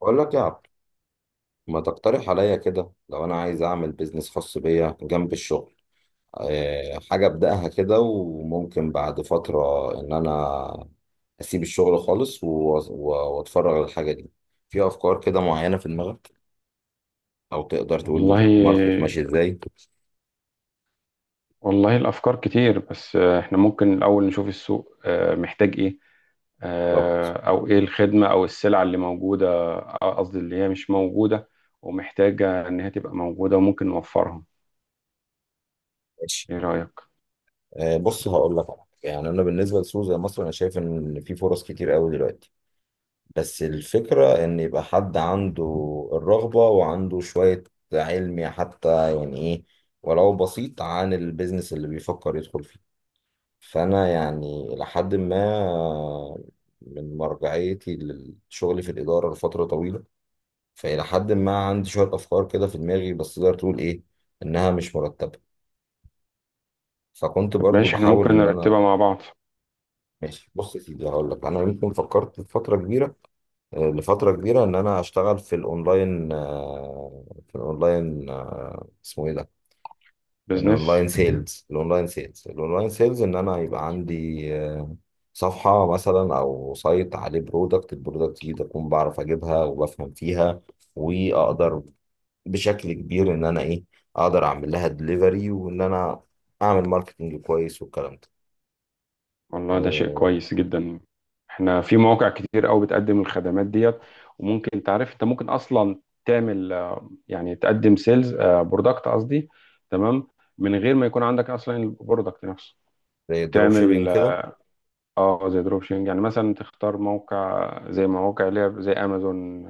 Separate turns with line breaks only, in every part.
بقول لك يا عبد، ما تقترح عليا كده لو انا عايز اعمل بيزنس خاص بيا جنب الشغل؟ حاجة ابدأها كده وممكن بعد فترة ان انا اسيب الشغل خالص واتفرغ للحاجة دي. في افكار كده معينة في دماغك؟ او تقدر تقول لي الماركت
والله
ماشي ازاي؟
والله، الأفكار كتير. بس إحنا ممكن الأول نشوف السوق محتاج إيه.
بالظبط.
أو إيه الخدمة أو السلعة اللي موجودة. قصدي اللي هي مش موجودة ومحتاجة إن هي تبقى موجودة وممكن نوفرها.
ماشي.
إيه رأيك؟
بص، هقول لك على حاجة. يعني انا بالنسبة لسوق زي مصر، انا شايف ان في فرص كتير قوي دلوقتي، بس الفكرة إن يبقى حد عنده الرغبة وعنده شوية علم، حتى يعني إيه، ولو بسيط عن البيزنس اللي بيفكر يدخل فيه. فأنا يعني إلى حد ما، من مرجعيتي للشغل في الإدارة لفترة طويلة، فإلى حد ما عندي شوية أفكار كده في دماغي، بس تقدر تقول إيه، إنها مش مرتبة. فكنت
طب
برضو
ماشي، إحنا ممكن
بحاول إن
نرتبها
أنا.
مع بعض.
ماشي، بص يا سيدي، هقول لك. أنا يمكن فكرت في فترة كبيرة، لفترة كبيرة، إن أنا أشتغل في الأونلاين، في الأونلاين، اسمه إيه ده؟
بيزنس.
الأونلاين سيلز إن أنا يبقى عندي صفحة مثلا أو سايت عليه برودكت، البرودكت دي أكون بعرف أجيبها وبفهم فيها، وأقدر بشكل كبير إن أنا إيه، أقدر أعمل لها دليفري، وإن أنا أعمل ماركتنج كويس والكلام ده.
والله ده شيء
آه،
كويس جدا. إحنا في مواقع كتير أوي بتقدم الخدمات ديت. وممكن تعرف أنت ممكن أصلا تعمل، يعني تقدم سيلز، برودكت قصدي. تمام. من غير ما يكون عندك اصلا البرودكت نفسه.
زي الدروب
وتعمل
شيبينج كده.
زي دروب شيبنج، يعني مثلا تختار موقع زي مواقع اللي هي زي امازون،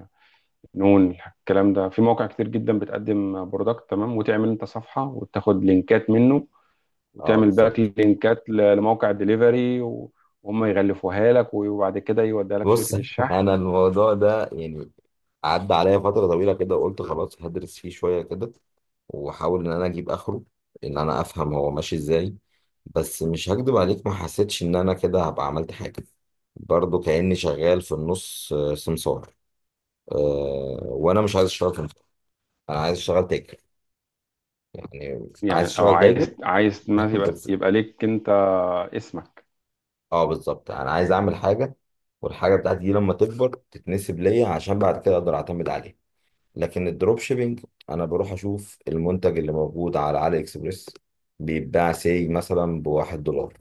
نون. الكلام ده في مواقع كتير جدا بتقدم برودكت. تمام. وتعمل انت صفحة وتاخد لينكات منه
أه،
وتعمل باك
بالظبط.
لينكات لموقع الدليفري وهم يغلفوها لك وبعد كده يوديها لك
بص،
شركة الشحن.
انا الموضوع ده يعني، عدى عليا فتره طويله كده، وقلت خلاص هدرس فيه شويه كده، واحاول ان انا اجيب اخره، ان انا افهم هو ماشي ازاي. بس مش هكدب عليك، ما حسيتش ان انا كده هبقى عملت حاجه. برضه كاني شغال في النص، سمسار. أه، وانا مش عايز اشتغل سمسار، انا عايز اشتغل تاجر. يعني عايز
يعني او
اشتغل
عايز
تاجر.
عايز ما يبقى
بس.
يبقى ليك انت اسمك.
اه، بالظبط، انا عايز اعمل حاجه، والحاجه بتاعتي دي لما تكبر تتنسب ليا، عشان بعد كده اقدر اعتمد عليها. لكن الدروب شيبينج، انا بروح اشوف المنتج اللي موجود على علي اكسبريس، بيتباع سي مثلا ب1 دولار،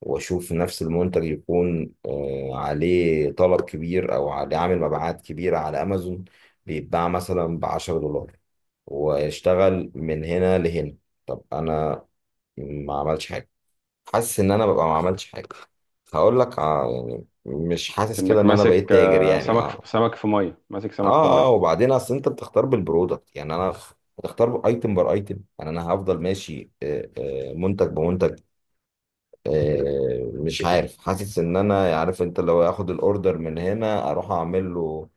واشوف نفس المنتج يكون عليه طلب كبير او عليه عامل مبيعات كبيرة على امازون، بيتباع مثلا ب10 دولار، واشتغل من هنا لهنا. طب انا ما عملش حاجة، حاسس ان انا ببقى ما عملتش حاجة. هقول لك يعني، مش حاسس كده
كأنك
ان انا
ماسك
بقيت تاجر، يعني
سمك
اه.
سمك في ميه، ماسك سمك في
اه، اه،
ميه.
وبعدين اصل انت بتختار بالبرودكت، يعني انا بتختار ايتم بار ايتم. يعني انا هفضل ماشي، منتج بمنتج. مش عارف، حاسس ان انا عارف انت لو اخد الاوردر من هنا اروح اعمل له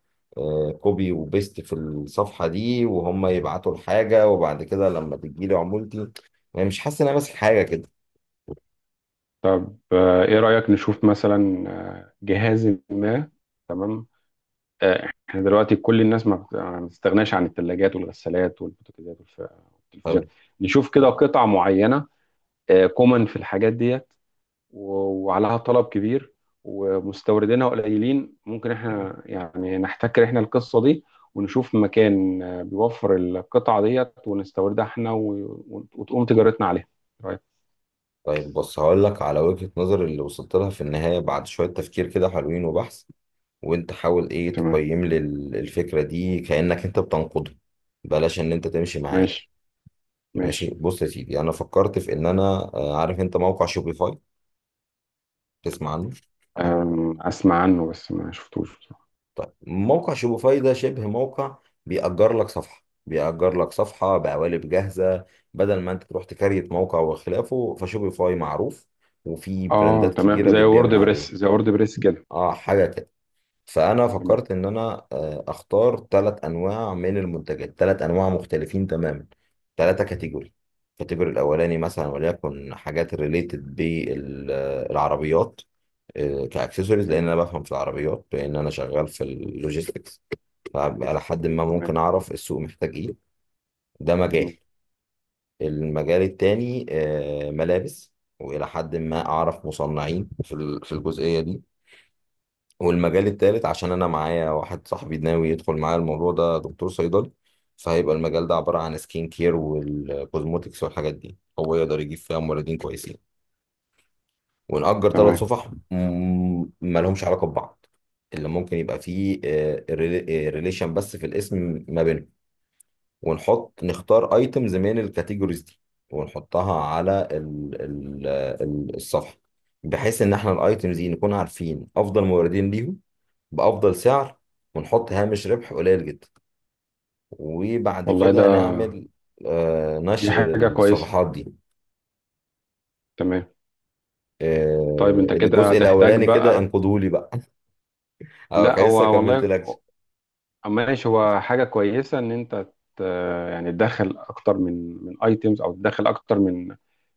كوبي وبيست في الصفحه دي، وهم يبعتوا الحاجه، وبعد كده لما تجي لي عمولتي، يعني مش حاسس ان انا ماسك حاجه كده.
فايه رأيك نشوف مثلا جهاز ما. تمام. احنا دلوقتي كل الناس ما بتستغناش عن الثلاجات والغسالات والبوتاجازات
حلو.
والتلفزيونات. نشوف كده قطع معينة كومن في الحاجات ديت وعليها طلب كبير ومستوردينها قليلين. ممكن احنا يعني نحتكر احنا القصة دي ونشوف مكان بيوفر القطعة ديت ونستوردها احنا وتقوم تجارتنا عليها.
طيب، بص، هقول لك على وجهه نظر اللي وصلت لها في النهايه بعد شويه تفكير كده حلوين وبحث. وانت حاول ايه،
تمام.
تقيم لي الفكرة دي كأنك انت بتنقده، بلاش ان انت تمشي معايا.
ماشي،
ماشي،
ماشي.
بص يا سيدي، انا فكرت في ان انا. عارف انت موقع شوبيفاي؟ تسمع عنه؟
اسمع عنه بس ما شفتوش بصراحة.
موقع شوبيفاي ده شبه موقع، بيأجر لك صفحة بقوالب جاهزة، بدل ما انت تروح تكريت موقع وخلافه. فشوبيفاي معروف، وفي
اه
براندات
تمام،
كبيرة
زي
بتبيع من
وورد
عليه.
بريس زي وورد بريس كده.
اه، حاجة. فانا
تمام،
فكرت ان انا اختار ثلاث انواع من المنتجات، ثلاث انواع مختلفين تماما، ثلاثه كاتيجوري. الكاتيجوري الاولاني مثلا، وليكن حاجات ريليتد بالعربيات، كاكسسوارز، لان انا
تمام،
بفهم في العربيات، لان انا شغال في اللوجيستكس. فعلى حد ما
تمام،
ممكن اعرف السوق محتاج ايه. ده مجال.
تمام،
المجال التاني ملابس، والى حد ما اعرف مصنعين في الجزئيه دي. والمجال التالت، عشان انا معايا واحد صاحبي ناوي يدخل معايا الموضوع ده، دكتور صيدلي. فهيبقى المجال ده عبارة عن سكين كير والكوزموتكس والحاجات دي، هو يقدر يجيب فيها موردين كويسين. ونأجر ثلاث
تمام.
صفح مالهمش علاقة ببعض، اللي ممكن يبقى فيه ريليشن بس في الاسم ما بينهم. ونحط نختار ايتمز من الكاتيجوريز دي، ونحطها على الصفحة، بحيث ان احنا الايتمز دي نكون عارفين افضل موردين ليهم، بأفضل سعر، ونحط هامش ربح قليل جدا. وبعد
والله
كده
ده
نعمل
دي
نشر
حاجة كويسة.
للصفحات دي.
تمام. طيب انت كده
الجزء
هتحتاج
الأولاني كده،
بقى.
انقدوا لي بقى. أه،
لا،
كان لسه
هو
كملت
والله
لك.
ماشي، هو حاجة كويسة ان انت ت- يعني تدخل اكتر من ايتمز او تدخل اكتر من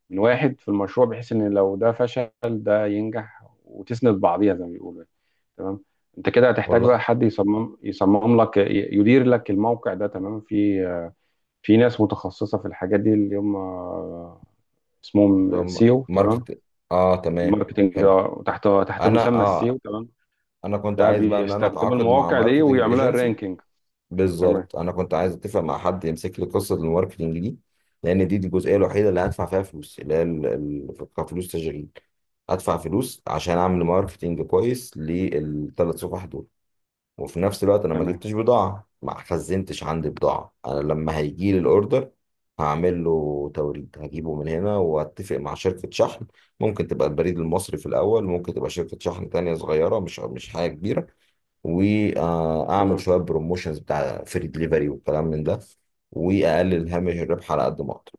من واحد في المشروع بحيث ان لو ده فشل ده ينجح وتسند بعضيها زي ما بيقولوا يعني. تمام. انت كده هتحتاج بقى
والله.
حد يصمم، يدير لك الموقع ده. تمام. في ناس متخصصه في الحاجات دي اللي هم اسمهم
طب
سيو. تمام.
ماركت. اه، تمام.
الماركتنج
حلو.
ده تحت
انا
مسمى السيو.
اه
تمام.
انا كنت
ده
عايز بقى ان انا
بيستخدموا
اتعاقد مع
المواقع دي
ماركتنج
ويعملوها
ايجنسي.
رانكينج. تمام،
بالظبط، انا كنت عايز اتفق مع حد يمسك لي قصة الماركتنج دي. لان دي الجزئية الوحيدة اللي هدفع فيها فلوس، اللي هي كفلوس تشغيل، ادفع فلوس عشان اعمل ماركتينج كويس للثلاث صفح دول. وفي نفس الوقت انا ما
تمام،
جبتش بضاعه، ما خزنتش عندي بضاعه. انا لما هيجي لي الاوردر هعمل له توريد، هجيبه من هنا واتفق مع شركه شحن. ممكن تبقى البريد المصري في الاول، ممكن تبقى شركه شحن تانية صغيره، مش حاجه كبيره. واعمل
تمام.
شويه بروموشنز بتاع فري دليفري والكلام من ده، واقلل هامش الربح على قد ما اقدر.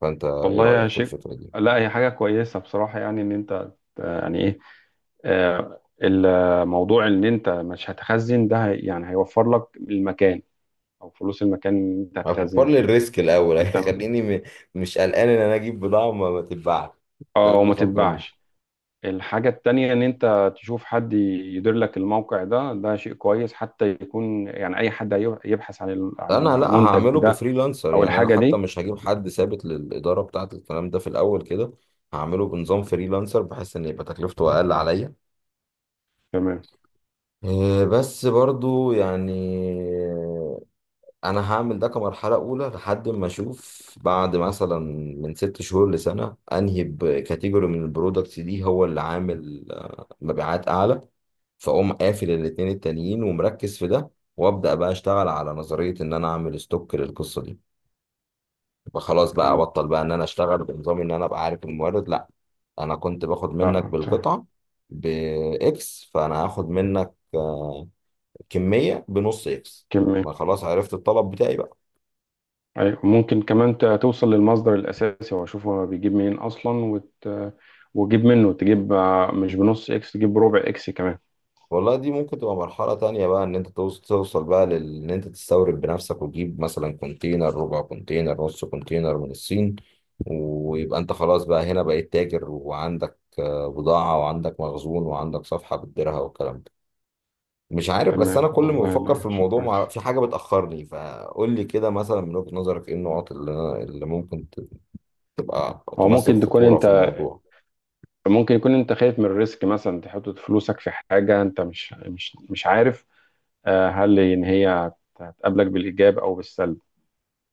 فانت ايه
والله يا
رايك في
شيخ،
الفكره دي؟
لا هي حاجه كويسه بصراحه، يعني ان انت يعني ايه، الموضوع ان انت مش هتخزن ده يعني هيوفر لك المكان او فلوس المكان اللي انت
هكبر
هتخزن
لي
فيه.
الريسك الاول.
انت.
مش قلقان ان انا اجيب بضاعه وما ما تتباعش، ده
اه
اللي انا
وما
خايف منه.
تتباعش. الحاجة التانية ان انت تشوف حد يدير لك الموقع ده، ده شيء كويس حتى يكون يعني اي حد يبحث عن عن
انا لا،
المنتج
هعمله
ده
بفريلانسر،
او
يعني انا
الحاجة
حتى
دي.
مش هجيب حد ثابت للاداره بتاعه الكلام ده في الاول كده. هعمله بنظام فريلانسر بحيث ان يبقى تكلفته اقل عليا.
تمام.
إيه، بس برضو يعني، انا هعمل ده كمرحله اولى لحد ما اشوف بعد مثلا من 6 شهور لسنه انهي بكاتيجوري من البرودكتس دي هو اللي عامل مبيعات اعلى. فاقوم قافل الاتنين التانيين ومركز في ده. وابدا بقى اشتغل على نظريه ان انا اعمل ستوك للقصه دي. يبقى خلاص بقى
تمام.
ابطل بقى ان انا اشتغل بنظام ان انا ابقى عارف المورد. لا، انا كنت باخد منك
آه، أنت-
بالقطعه، باكس. فانا هاخد منك كميه بنص اكس.
كم-
ما خلاص عرفت الطلب بتاعي بقى.
أيوة. ممكن كمان توصل للمصدر الأساسي وأشوف هو بيجيب منين أصلا وجيب منه، تجيب مش بنص إكس، تجيب بربع إكس كمان.
والله دي ممكن تبقى مرحلة تانية بقى، إن أنت توصل بقى إن أنت تستورد بنفسك، وتجيب مثلا كونتينر، ربع كونتينر، نص كونتينر من الصين. ويبقى أنت خلاص بقى هنا بقيت تاجر، وعندك بضاعة، وعندك مخزون، وعندك صفحة بتديرها والكلام ده. مش عارف، بس أنا
تمام.
كل ما
والله
بفكر في
لا، شيء
الموضوع
كويس.
في حاجة بتأخرني. فقول لي كده مثلا، من وجهة نظرك، إيه النقط اللي أنا، اللي ممكن تبقى
هو
تمثل
ممكن تكون
خطورة في
أنت
الموضوع؟
ممكن يكون أنت خايف من الريسك، مثلا تحط فلوسك في حاجة أنت مش عارف هل إن هي هتقابلك بالإيجاب أو بالسلب.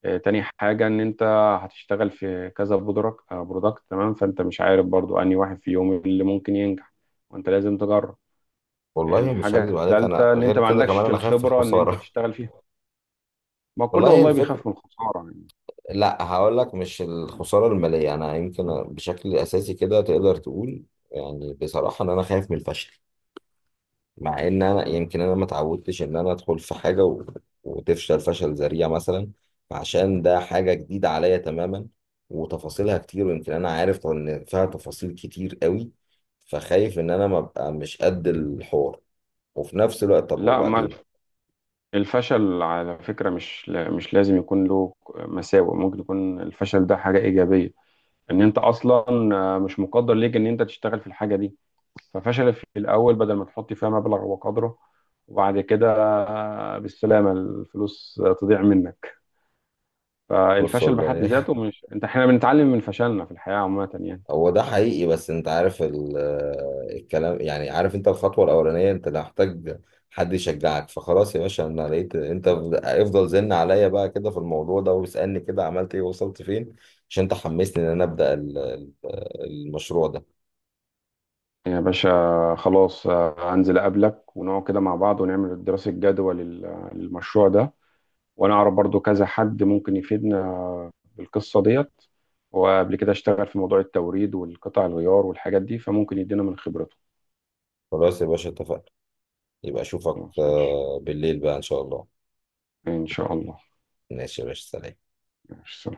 تاني حاجة إن أنت هتشتغل في كذا برودكت برودكت، تمام، فأنت مش عارف برضو أنهي واحد فيهم اللي ممكن ينجح، وأنت لازم تجرب.
والله مش
الحاجة
هكذب عليك، انا
التالتة إن أنت
غير
ما
كده كمان
عندكش
انا خايف في
الخبرة إن أنت
الخساره.
تشتغل فيها. ما كله
والله،
والله
الفكره،
بيخاف من الخسارة يعني.
لا هقول لك، مش الخسارة المالية، أنا يمكن بشكل أساسي كده تقدر تقول، يعني بصراحة، إن أنا خايف من الفشل. مع إن أنا
مم.
يمكن أنا ما اتعودتش إن أنا أدخل في حاجة وتفشل فشل ذريع مثلا. عشان ده حاجة جديدة عليا تماما، وتفاصيلها كتير، ويمكن أنا عارف إن فيها تفاصيل كتير قوي، فخايف إن أنا ما أبقى مش قد الحوار. وفي نفس الوقت طب
لا، ما
وبعدين.
الف- الفشل على فكرة مش مش لازم يكون له مساوئ. ممكن يكون الفشل ده حاجة إيجابية، إن أنت أصلا مش مقدر ليك إن أنت تشتغل في الحاجة دي. ففشل في الأول بدل ما تحط فيها مبلغ وقدره وبعد كده بالسلامة الفلوس تضيع منك.
بص،
فالفشل بحد
والله.
ذاته مش أنت، إحنا بنتعلم من فشلنا في الحياة عامة يعني.
هو ده حقيقي، بس انت عارف الكلام، يعني عارف انت الخطوة الأولانية، انت ده محتاج حد يشجعك، فخلاص يا باشا انا لقيت انت افضل زن عليا بقى كده في الموضوع ده، واسألني كده عملت ايه، وصلت فين، عشان انت حمسني ان انا ابدأ المشروع ده.
يا باشا خلاص، هنزل أقابلك ونقعد كده مع بعض ونعمل دراسة جدوى للمشروع ده. وأنا أعرف برضو كذا حد ممكن يفيدنا بالقصة ديت، وقبل كده اشتغل في موضوع التوريد والقطع الغيار والحاجات دي فممكن يدينا من خبرته.
خلاص يا باشا، اتفقنا. يبقى اشوفك
خلاص ماشي.
بالليل بقى ان شاء الله.
إن شاء الله.
ماشي يا باشا، سلام.
ماشي.